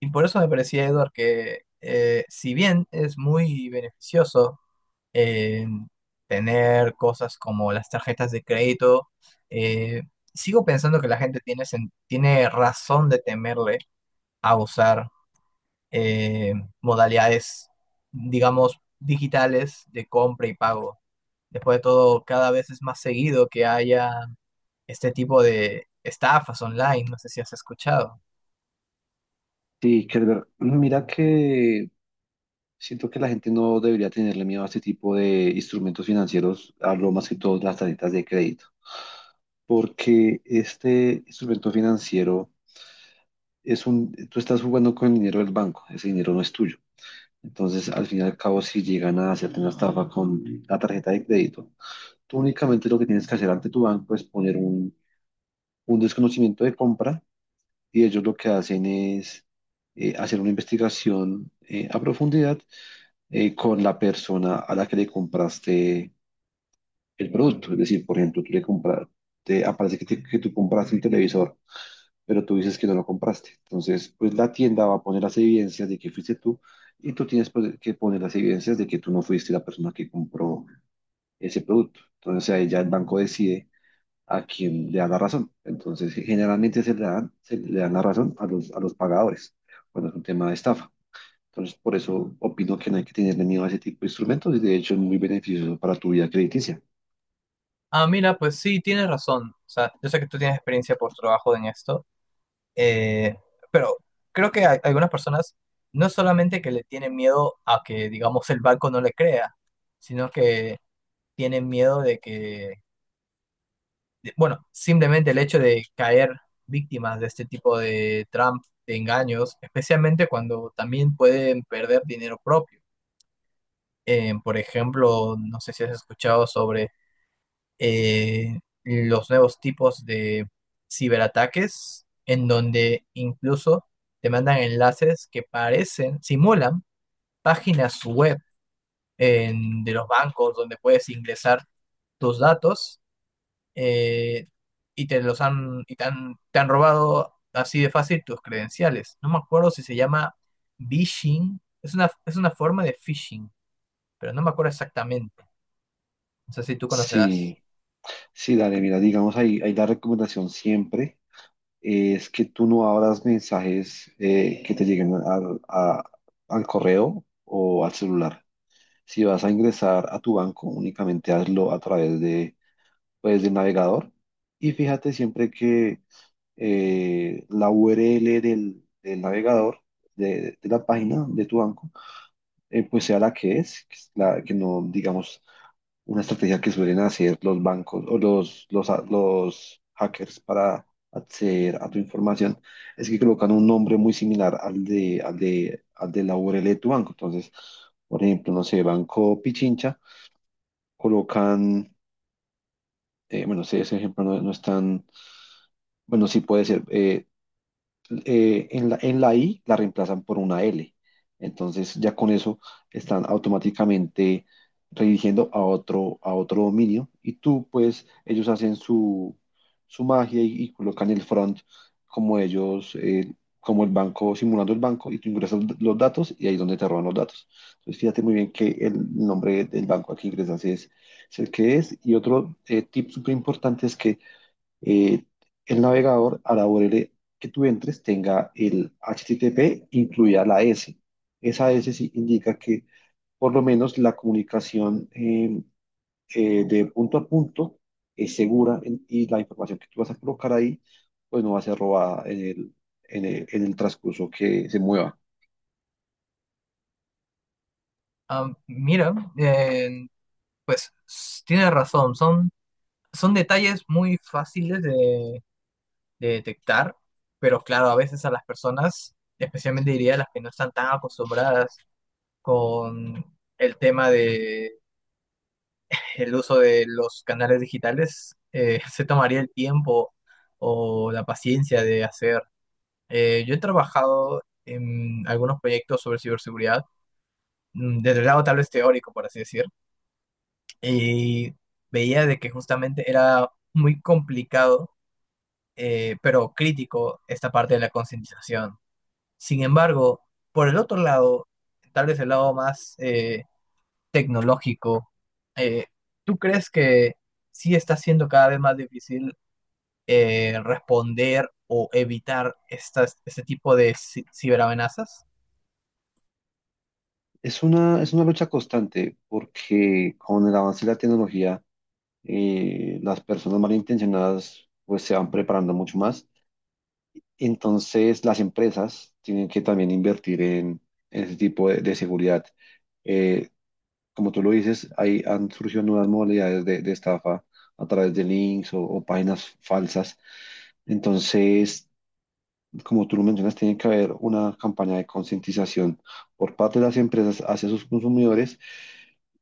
Y por eso me parecía, Edward, que si bien es muy beneficioso eh, tener cosas como las tarjetas de crédito. eh, Sigo pensando que la gente tiene razón de temerle a usar eh, modalidades, digamos, digitales de compra y pago. Después de todo, cada vez es más seguido que haya este tipo de estafas online. No sé si has escuchado. Sí, Kerber, mira que siento que la gente no debería tenerle miedo a este tipo de instrumentos financieros. Hablo más que todo de las tarjetas de crédito, porque este instrumento financiero es un, tú estás jugando con el dinero del banco, ese dinero no es tuyo. Entonces, al fin y al cabo, si llegan a hacerte una estafa con la tarjeta de crédito, tú únicamente lo que tienes que hacer ante tu banco es poner un desconocimiento de compra, y ellos lo que hacen es hacer una investigación a profundidad con la persona a la que le compraste el producto. Es decir, por ejemplo, tú le compraste, aparece que, que tú compraste un televisor, pero tú dices que no lo compraste. Entonces, pues la tienda va a poner las evidencias de que fuiste tú, y tú tienes, pues, que poner las evidencias de que tú no fuiste la persona que compró ese producto. Entonces, ahí ya el banco decide a quién le da la razón. Entonces, generalmente se le dan la razón a los pagadores cuando es un tema de estafa. Entonces, por eso opino que no hay que tenerle miedo a ese tipo de instrumentos, y de hecho es muy beneficioso para tu vida crediticia. Ah, mira, pues sí, tienes razón. O sea, yo sé que tú tienes experiencia por trabajo en esto, eh, pero creo que hay algunas personas, no es solamente que le tienen miedo a que, digamos, el banco no le crea, sino que tienen miedo de bueno, simplemente el hecho de caer víctimas de este tipo de de engaños, especialmente cuando también pueden perder dinero propio. Por ejemplo, no sé si has escuchado sobre eh, los nuevos tipos de ciberataques, en donde incluso te mandan enlaces que parecen, simulan páginas web de los bancos donde puedes ingresar tus datos, eh, y te los han, y te han robado así de fácil tus credenciales. No me acuerdo si se llama phishing, es una forma de phishing, pero no me acuerdo exactamente. No sé si tú conocerás. Sí, sí, dale, mira, digamos ahí, ahí la recomendación siempre es que tú no abras mensajes que te lleguen al correo o al celular. Si vas a ingresar a tu banco, únicamente hazlo a través de, pues, del navegador, y fíjate siempre que la URL del navegador, de la página de tu banco, pues sea la que es, que, es que no, digamos, una estrategia que suelen hacer los bancos o los hackers para acceder a tu información, es que colocan un nombre muy similar al de la URL de tu banco. Entonces, por ejemplo, no sé, Banco Pichincha, colocan, bueno, sé, ese ejemplo no, no es tan, bueno, sí puede ser, en en la I la reemplazan por una L. Entonces ya con eso están automáticamente redirigiendo a otro dominio, y tú, pues, ellos hacen su, su magia, y colocan el front como ellos, como el banco, simulando el banco, y tú ingresas los datos y ahí es donde te roban los datos. Entonces fíjate muy bien que el nombre del banco al que ingresas es el que es, y otro tip súper importante es que eh, el navegador hará URL que tú entres tenga el HTTP incluida la S. Esa S sí indica que por lo menos la comunicación de punto a punto es segura y la información que tú vas a colocar ahí pues no va a ser robada en en el transcurso que se mueva. Ah, mira, pues tienes razón, son detalles muy fáciles de detectar, pero claro, a veces a las personas, especialmente diría las que no están tan acostumbradas con el tema de el uso de los canales digitales, se tomaría el tiempo o la paciencia de hacer. Yo he trabajado en algunos proyectos sobre ciberseguridad, desde el lado tal vez teórico, por así decir, y veía de que justamente era muy complicado, pero crítico esta parte de la concientización. Sin embargo, por el otro lado, tal vez el lado más tecnológico, eh, ¿tú crees que sí está siendo cada vez más difícil responder o evitar este tipo de ciberamenazas? Es una lucha constante porque con el avance de la tecnología las personas malintencionadas pues se van preparando mucho más. Entonces, las empresas tienen que también invertir en ese tipo de seguridad. Eh, como tú lo dices, ahí han surgido nuevas modalidades de estafa a través de links o páginas falsas. Entonces, como tú lo mencionas, tiene que haber una campaña de concientización por parte de las empresas hacia sus consumidores,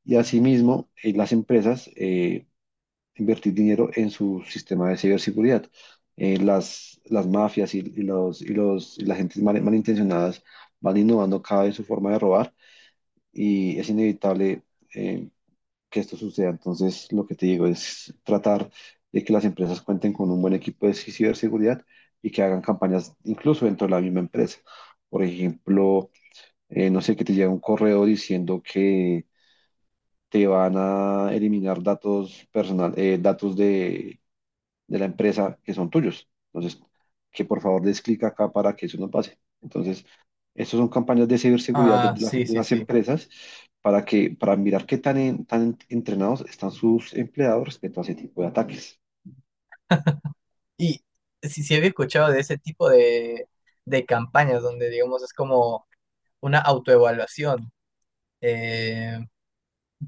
y asimismo, las empresas invertir dinero en su sistema de ciberseguridad. Las mafias y las gentes malintencionadas van innovando cada vez su forma de robar, y es inevitable eh, que esto suceda. Entonces, lo que te digo es tratar de que las empresas cuenten con un buen equipo de ciberseguridad y que hagan campañas incluso dentro de la misma empresa. Por ejemplo, no sé, que te llega un correo diciendo que te van a eliminar datos personal, datos de la empresa que son tuyos. Entonces, que por favor des clic acá para que eso no pase. Entonces, estas son campañas de ciberseguridad de Ah, las, sí, de sí, las sí. empresas para que, para mirar qué tan, tan entrenados están sus empleados respecto a ese tipo de ataques. Y sí, sí había escuchado de ese tipo de campañas donde, digamos, es como una autoevaluación. Eh,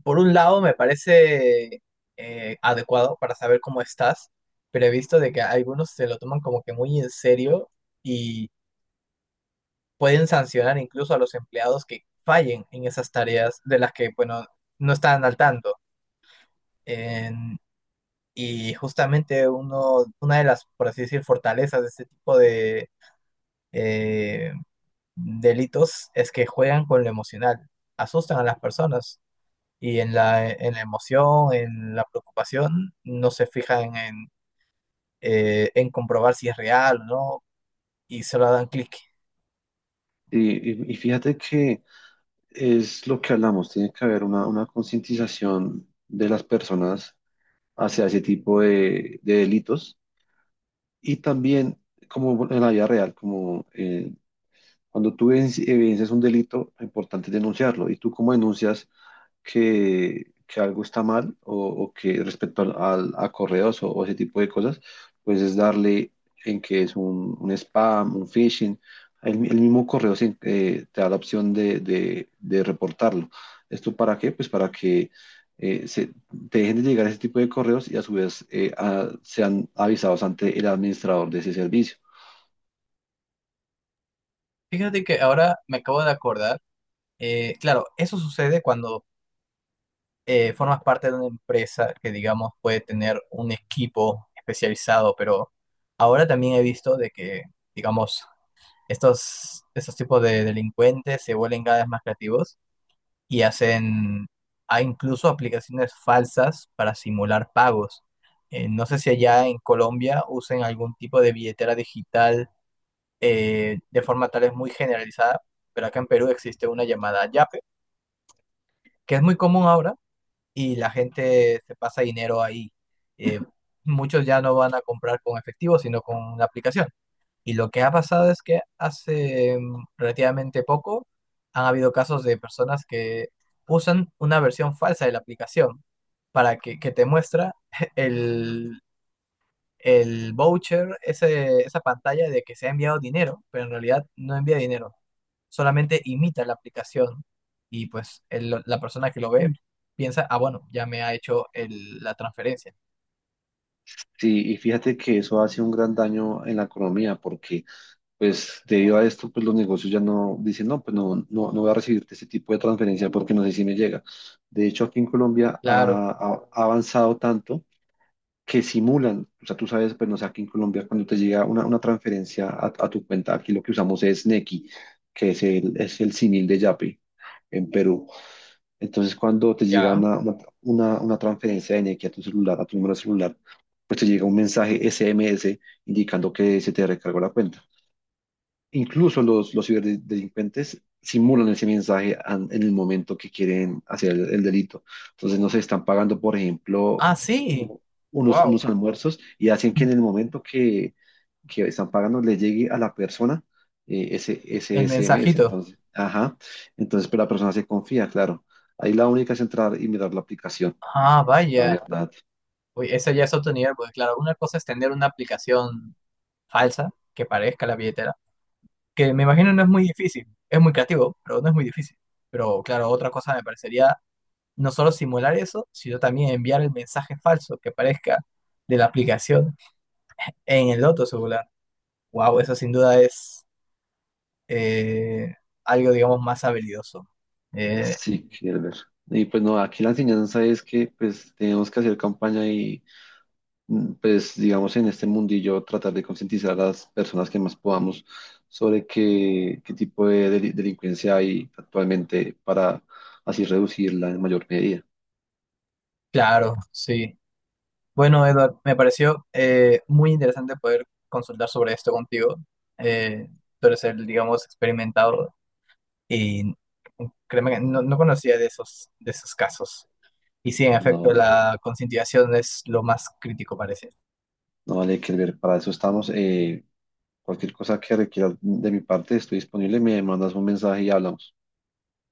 por un lado, me parece adecuado para saber cómo estás, pero he visto de que algunos se lo toman como que muy en serio y pueden sancionar incluso a los empleados que fallen en esas tareas de las que, bueno, no están al tanto. En- y justamente una de las, por así decir, fortalezas de este tipo de eh, delitos es que juegan con lo emocional, asustan a las personas. Y en en la emoción, en la preocupación, no se fijan en comprobar si es real o no, y solo dan clic. Y, y fíjate que es lo que hablamos, tiene que haber una concientización de las personas hacia ese tipo de delitos, y también como en la vida real, como cuando tú evidencias un delito, lo importante es denunciarlo. ¿Y tú cómo denuncias que algo está mal o que respecto a correos o ese tipo de cosas? Pues es darle en que es un spam, un phishing. El mismo correo te da la opción de, de reportarlo. ¿Esto para qué? Pues para que se, te dejen de llegar ese tipo de correos, y a su vez sean avisados ante el administrador de ese servicio. Fíjate que ahora me acabo de acordar, claro, eso sucede cuando formas parte de una empresa que digamos puede tener un equipo especializado, pero ahora también he visto de que, digamos, estos tipos de delincuentes se vuelven cada vez más creativos y hacen, hay incluso aplicaciones falsas para simular pagos. No sé si allá en Colombia usen algún tipo de billetera digital de forma tal vez muy generalizada, pero acá en Perú existe una llamada Yape, que es muy común ahora, y la gente se pasa dinero ahí. Eh, muchos ya no van a comprar con efectivo, sino con una aplicación. Y lo que ha pasado es que hace relativamente poco han habido casos de personas que usan una versión falsa de la aplicación para que te muestra el, el voucher, esa pantalla de que se ha enviado dinero, pero en realidad no envía dinero, solamente imita la aplicación, y pues la persona que lo ve piensa: ah, bueno, ya me ha hecho la transferencia. Sí, y fíjate que eso hace un gran daño en la economía porque, pues, debido a esto, pues los negocios ya no dicen, no, pues no, no, no voy a recibirte este tipo de transferencia porque no sé si me llega. De hecho, aquí en Colombia Claro, ha, ha avanzado tanto que simulan. O sea, tú sabes, pues no sé, aquí en Colombia cuando te llega una transferencia a tu cuenta, aquí lo que usamos es Nequi, que es el símil de Yape en Perú. Entonces, cuando te llega ya. Una, una transferencia de energía a tu celular, a tu número celular, pues te llega un mensaje SMS indicando que se te recargó la cuenta. Incluso los ciberdelincuentes simulan ese mensaje en el momento que quieren hacer el delito. Entonces, no se están pagando, por ejemplo, Ah, sí, u- unos, wow, unos almuerzos, y hacen que en el momento que están pagando le llegue a la persona ese, ese el SMS. mensajito. Entonces, ajá. Entonces, pero la persona se confía, claro. Ahí la única es entrar y mirar la aplicación, Ah, la vaya. verdad. Uy, ese ya es otro nivel, porque claro, una cosa es tener una aplicación falsa que parezca la billetera, que me imagino no es muy difícil, es muy creativo, pero no es muy difícil. Pero claro, otra cosa me parecería no solo simular eso, sino también enviar el mensaje falso que parezca de la aplicación en el otro celular. Wow, eso sin duda es eh, algo, digamos, más habilidoso. Eh, Sí, quiero ver. Y pues no, aquí la enseñanza es que pues tenemos que hacer campaña y, mm, pues digamos en este mundillo tratar de concientizar a las personas que más podamos sobre qué, qué tipo de delincuencia hay actualmente para así reducirla en mayor medida. claro, sí. Bueno, Edward, me pareció muy interesante poder consultar sobre esto contigo. Eh, tú eres el, digamos, experimentado, y créeme que no, no conocía de esos casos. Y sí, en efecto, No, la concientización es lo más crítico, parece. no vale que ver, para eso estamos. Cualquier cosa que requieras de mi parte, estoy disponible, me mandas un mensaje y hablamos.